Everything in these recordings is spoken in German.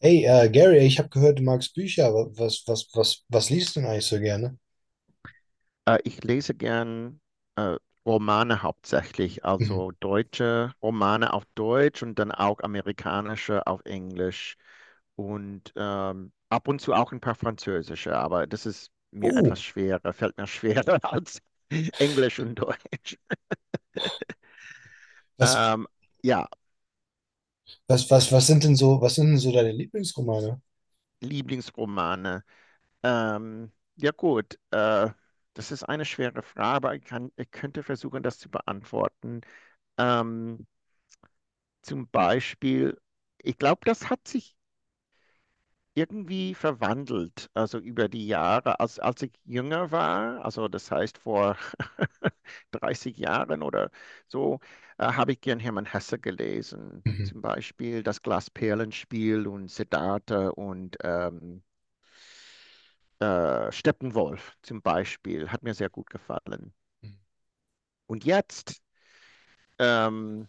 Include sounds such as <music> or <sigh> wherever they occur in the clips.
Hey, Gary, ich habe gehört, du magst Bücher. Was liest du denn eigentlich so gerne? Ich lese gern äh, Romane hauptsächlich, Mhm. also deutsche Romane auf Deutsch und dann auch amerikanische auf Englisch und ab und zu auch ein paar französische, aber das ist mir Oh, etwas schwerer, fällt mir schwerer <laughs> als Englisch und Deutsch. was, Ähm, ja, was sind denn so deine Lieblingsromane? Lieblingsromane. Ja gut, das ist eine schwere Frage, aber ich könnte versuchen, das zu beantworten. Ähm, Zum Beispiel, ich glaube, das hat sich irgendwie verwandelt, also über die Jahre, als ich jünger war, also das heißt vor <laughs> 30 Jahren oder so, habe ich gern Hermann Hesse gelesen. Mhm. Zum Beispiel das Glasperlenspiel und Siddhartha und Steppenwolf zum Beispiel, hat mir sehr gut gefallen. Und jetzt, ähm,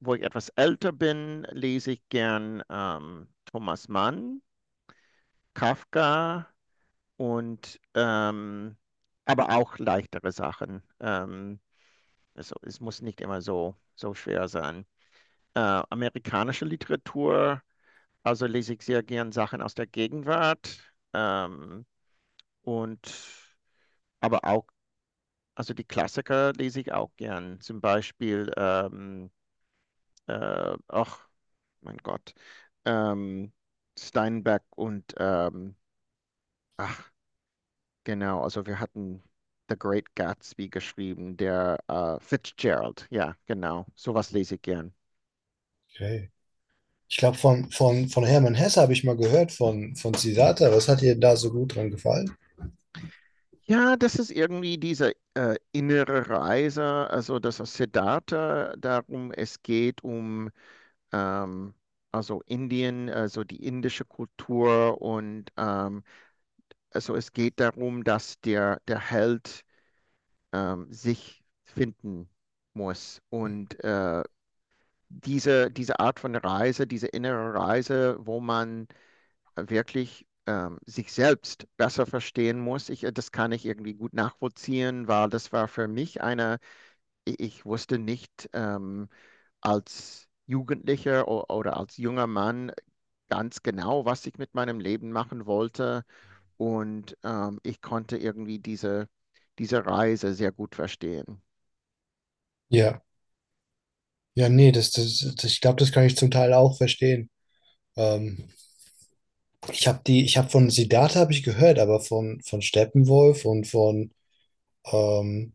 wo ich etwas älter bin, lese ich gern Thomas Mann, Kafka und aber auch leichtere Sachen. Also es muss nicht immer so schwer sein. Äh, Amerikanische Literatur, also lese ich sehr gern Sachen aus der Gegenwart. Ähm, und aber auch, also die Klassiker lese ich auch gern. Zum Beispiel, ach, mein Gott, ähm, Steinbeck und ach, genau, also wir hatten The Great Gatsby geschrieben, der Fitzgerald. Ja, genau, sowas lese ich gern. Okay. Ich glaube, von Hermann Hesse habe ich mal gehört, von Siddhartha. Was hat dir da so gut dran gefallen? Ja, das ist irgendwie diese innere Reise, also das ist Siddhartha, darum es geht um ähm, also Indien, also die indische Kultur und also es geht darum, dass der Held sich finden muss Mhm. und diese, diese Art von Reise, diese innere Reise, wo man wirklich sich selbst besser verstehen muss. Das kann ich irgendwie gut nachvollziehen, weil das war für mich eine, ich wusste nicht als Jugendlicher oder als junger Mann ganz genau, was ich mit meinem Leben machen wollte. Und ich konnte irgendwie diese Reise sehr gut verstehen. Ja, ja, nee, ich glaube, das kann ich zum Teil auch verstehen. Ähm, ich habe von Siddhartha habe ich gehört, aber von Steppenwolf und von ähm,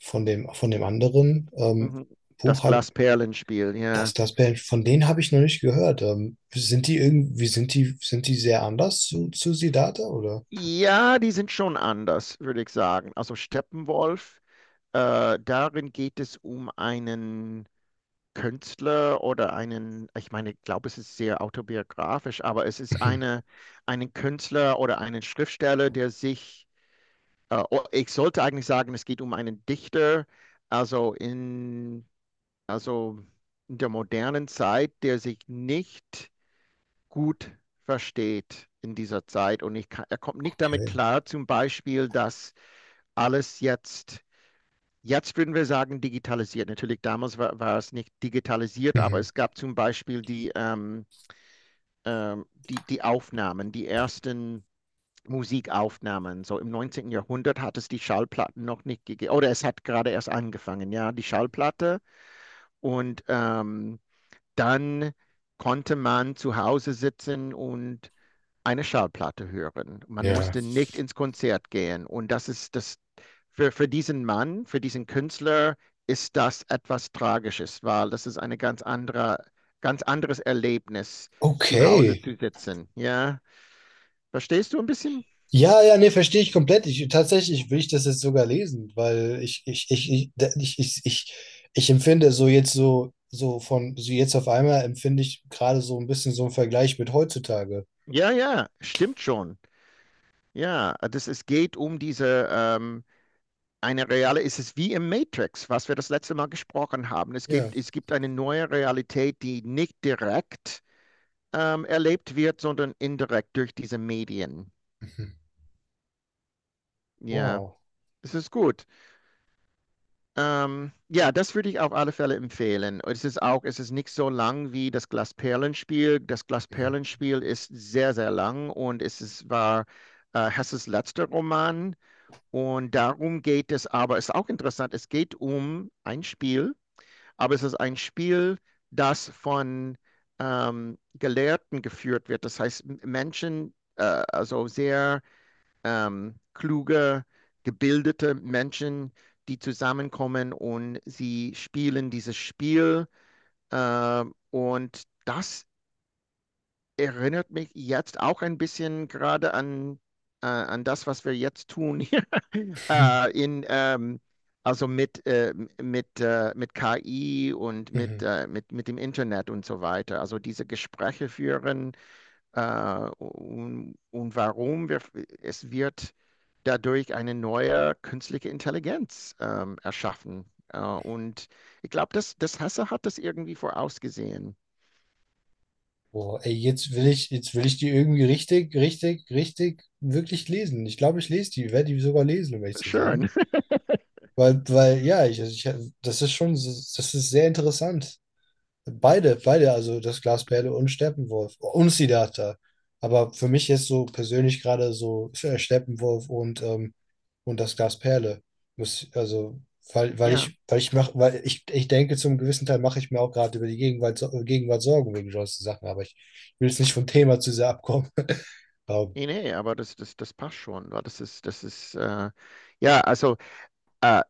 von dem anderen Mhm. Buch Das habe Glasperlenspiel, ja. das Band, von denen habe ich noch nicht gehört. Sind die irgendwie, sind die sehr anders zu Siddhartha oder? Ja, die sind schon anders, würde ich sagen. Also Steppenwolf, darin geht es um einen Künstler oder einen, ich meine, ich glaube, es ist sehr autobiografisch, aber es ist Mhm. eine, einen Künstler oder einen Schriftsteller, der sich, oh, ich sollte eigentlich sagen, es geht um einen Dichter, also in, also in der modernen Zeit, der sich nicht gut versteht in dieser Zeit und ich kann, er kommt nicht damit Okay. klar, zum Beispiel, dass alles jetzt würden wir sagen digitalisiert. Natürlich damals war es nicht digitalisiert, aber Mhm. es gab zum Beispiel die Aufnahmen, die ersten Musikaufnahmen. So im 19. Jahrhundert hat es die Schallplatten noch nicht gegeben, oder es hat gerade erst angefangen, ja, die Schallplatte. Und dann konnte man zu Hause sitzen und eine Schallplatte hören. Man Ja. musste nicht ins Konzert gehen. Und das ist das für diesen Mann, für diesen Künstler ist das etwas Tragisches, weil das ist eine ganz andere, ganz anderes Erlebnis, zu Hause Okay. zu sitzen. Ja, verstehst du ein bisschen? Ja, ja, nee, verstehe ich komplett. Ich, tatsächlich will ich das jetzt sogar lesen, weil ich, da- ich empfinde so jetzt so, so von, so jetzt auf einmal empfinde ich gerade so ein bisschen so einen Vergleich mit heutzutage. Ja, ja, stimmt schon. Ja, das, es geht um diese, eine reale, es ist wie im Matrix, was wir das letzte Mal gesprochen haben. Ja. Es gibt eine neue Realität, die nicht direkt erlebt wird, sondern indirekt durch diese Medien. Mhm. Ja, Wow. es ist gut. Ja, das würde ich auf alle Fälle empfehlen. Es ist auch, es ist nicht so lang wie das Glasperlenspiel. Das Mhm. Glasperlenspiel ist sehr, sehr lang und es ist, war Hesses letzter Roman. Und darum geht es aber, es ist auch interessant, es geht um ein Spiel, aber es ist ein Spiel, das von Gelehrten geführt wird. Das heißt, Menschen, also sehr kluge, gebildete Menschen, die zusammenkommen und sie spielen dieses Spiel. Äh, und das erinnert mich jetzt auch ein bisschen gerade an, an das, was wir jetzt tun hier <laughs> <laughs> in also mit KI und mit, Mhm. Mit dem Internet und so weiter. Also diese Gespräche führen und warum wir, es wird dadurch eine neue künstliche Intelligenz erschaffen. Und ich glaube, das Hesse hat das irgendwie vorausgesehen. Boah, ey, jetzt will ich die irgendwie richtig, wirklich lesen. Ich glaube, ich lese die, werde die sogar lesen, um ehrlich zu Schön. sein. <laughs> Ja, ich, das ist schon, das ist sehr interessant. Beide, also das Glasperle und Steppenwolf und Siddhartha. Aber für mich jetzt so persönlich gerade so Steppenwolf und das Glasperle. Muss, also, weil, weil Ja. ich, weil ich mach, weil ich, ich denke, zum gewissen Teil mache ich mir auch gerade über die Gegenwart, Gegenwart Sorgen wegen solchen Sachen, aber ich will jetzt nicht vom Thema zu sehr abkommen. <laughs> Aber, Nee, nee, aber das passt schon, wa? Das ist, ja, also äh,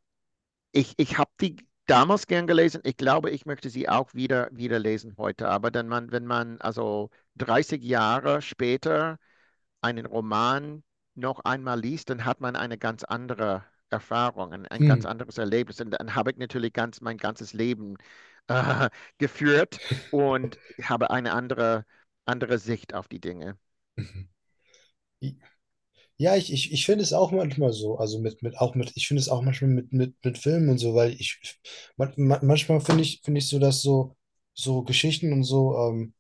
ich habe die damals gern gelesen. Ich glaube, ich möchte sie auch wieder lesen heute. Aber dann man, wenn man also 30 Jahre später einen Roman noch einmal liest, dann hat man eine ganz andere Erfahrung, ein ganz hm. anderes Erlebnis. Und dann habe ich natürlich ganz mein ganzes Leben äh, <laughs> geführt und habe eine andere, andere Sicht auf die Dinge. Ja, ich finde es auch manchmal so, also ich finde es auch manchmal mit Filmen und so, weil ich, manchmal finde ich so, dass so, so Geschichten und so,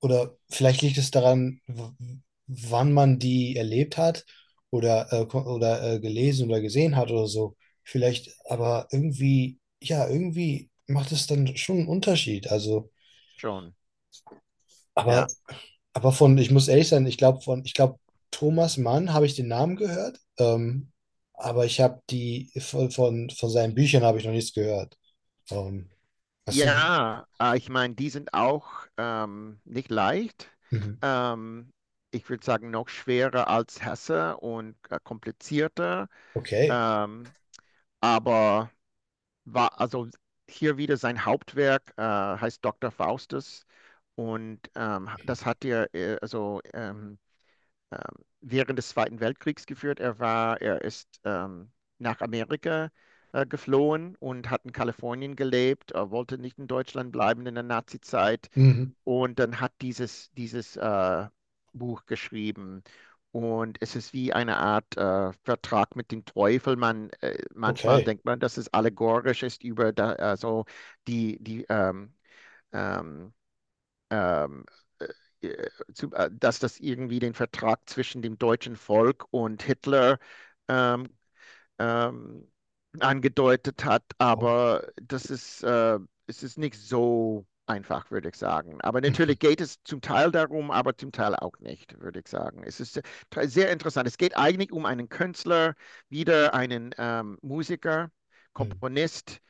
oder vielleicht liegt es daran, wann man die erlebt hat oder, gelesen oder gesehen hat oder so, vielleicht, aber irgendwie, ja, irgendwie macht es dann schon einen Unterschied, also, Schon, aber ja. aber von, ich muss ehrlich sein, ich glaube, Thomas Mann habe ich den Namen gehört, aber ich habe die von seinen Büchern habe ich noch nichts gehört. Ähm, was sind? Ja, ich meine, die sind auch nicht leicht. Mhm. Ähm, Ich würde sagen, noch schwerer als Hesse und komplizierter. Okay. Ähm, aber war also hier wieder sein Hauptwerk heißt Dr. Faustus und das hat er ähm, während des Zweiten Weltkriegs geführt. Er war, er ist nach Amerika geflohen und hat in Kalifornien gelebt, wollte nicht in Deutschland bleiben in der Nazi-Zeit Mhm. und dann hat dieses, dieses Buch geschrieben. Und es ist wie eine Art Vertrag mit dem Teufel. Manchmal Okay. denkt man, dass es allegorisch ist über da, also die, die ähm, ähm, dass das irgendwie den Vertrag zwischen dem deutschen Volk und Hitler ähm, ähm, angedeutet hat, Oh. aber das ist, es ist nicht so einfach, würde ich sagen. Aber Mhm. natürlich geht es zum Teil darum, aber zum Teil auch nicht, würde ich sagen. Es ist sehr, sehr interessant. Es geht eigentlich um einen Künstler, wieder einen Musiker, Mhm. Komponist,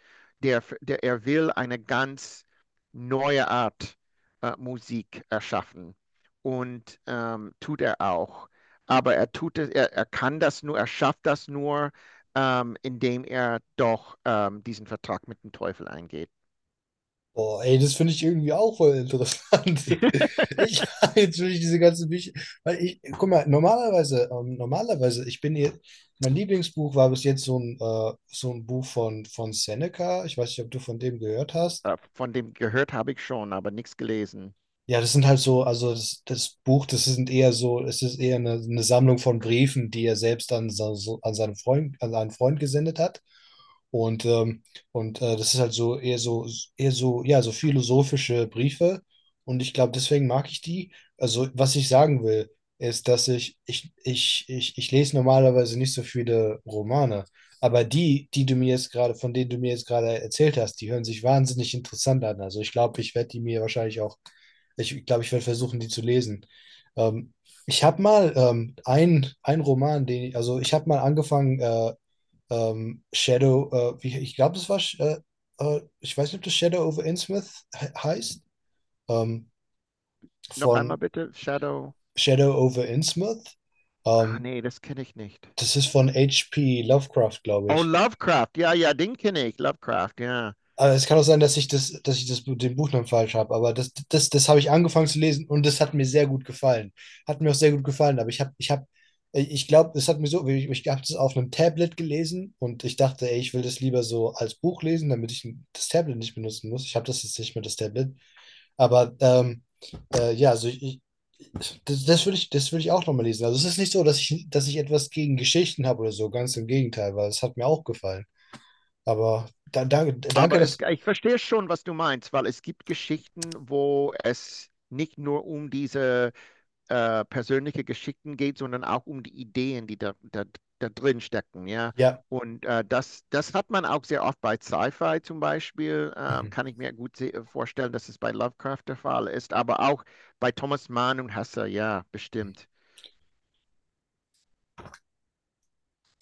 der, der er will eine ganz neue Art Musik erschaffen. Und tut er auch. Aber er tut es, er kann das nur, er schafft das nur, indem er doch diesen Vertrag mit dem Teufel eingeht. Boah, ey, das finde ich irgendwie auch voll interessant. <laughs> Ich <laughs> jetzt will ich diese ganzen Bücher, weil ich, guck mal, normalerweise, ich bin hier, mein Lieblingsbuch war bis jetzt so ein Buch von Seneca. Ich weiß nicht, ob du von dem gehört hast. Von dem gehört habe ich schon, aber nichts gelesen. Ja, das sind halt so, das Buch, das sind eher so, es ist eher eine Sammlung von Briefen, die er selbst an, an seinen Freund gesendet hat. Und, das ist halt so eher so, eher so, ja, so philosophische Briefe. Und ich glaube, deswegen mag ich die. Also, was ich sagen will, ist, dass ich lese normalerweise nicht so viele Romane. Aber die du mir jetzt gerade, von denen du mir jetzt gerade erzählt hast, die hören sich wahnsinnig interessant an. Also ich glaube, ich glaube, ich werde versuchen, die zu lesen. Ähm, ich habe mal ein Roman, den ich, also ich habe mal angefangen, Shadow, ich glaube, ich weiß nicht, ob das Shadow over Innsmouth heißt, ähm, Noch von einmal bitte, Shadow. Shadow over Innsmouth. Ah, Ähm, nee, das kenne ich nicht. das ist von H. P. Lovecraft, glaube Oh, ich. Lovecraft. Ja, ja, den kenne ich. Lovecraft, ja. Aber es kann auch sein, dass dass ich das, den Buchnamen falsch habe, aber das habe ich angefangen zu lesen und das hat mir sehr gut gefallen. Hat mir auch sehr gut gefallen, aber ich glaube, es hat mir so, ich habe das auf einem Tablet gelesen und ich dachte, ey, ich will das lieber so als Buch lesen, damit ich das Tablet nicht benutzen muss. Ich habe das jetzt nicht mehr, das Tablet. Aber ja, also ich, das würde ich, das würde ich auch nochmal lesen. Also es ist nicht so, dass dass ich etwas gegen Geschichten habe oder so, ganz im Gegenteil, weil es hat mir auch gefallen. Aber da, danke, Aber dass, ich verstehe schon, was du meinst, weil es gibt Geschichten, wo es nicht nur um diese persönliche Geschichten geht, sondern auch um die Ideen, die da drin stecken, ja. ja. Und das, das hat man auch sehr oft bei Sci-Fi zum Beispiel, Mhm. kann ich mir gut vorstellen, dass es bei Lovecraft der Fall ist, aber auch bei Thomas Mann und Hesse, ja, bestimmt.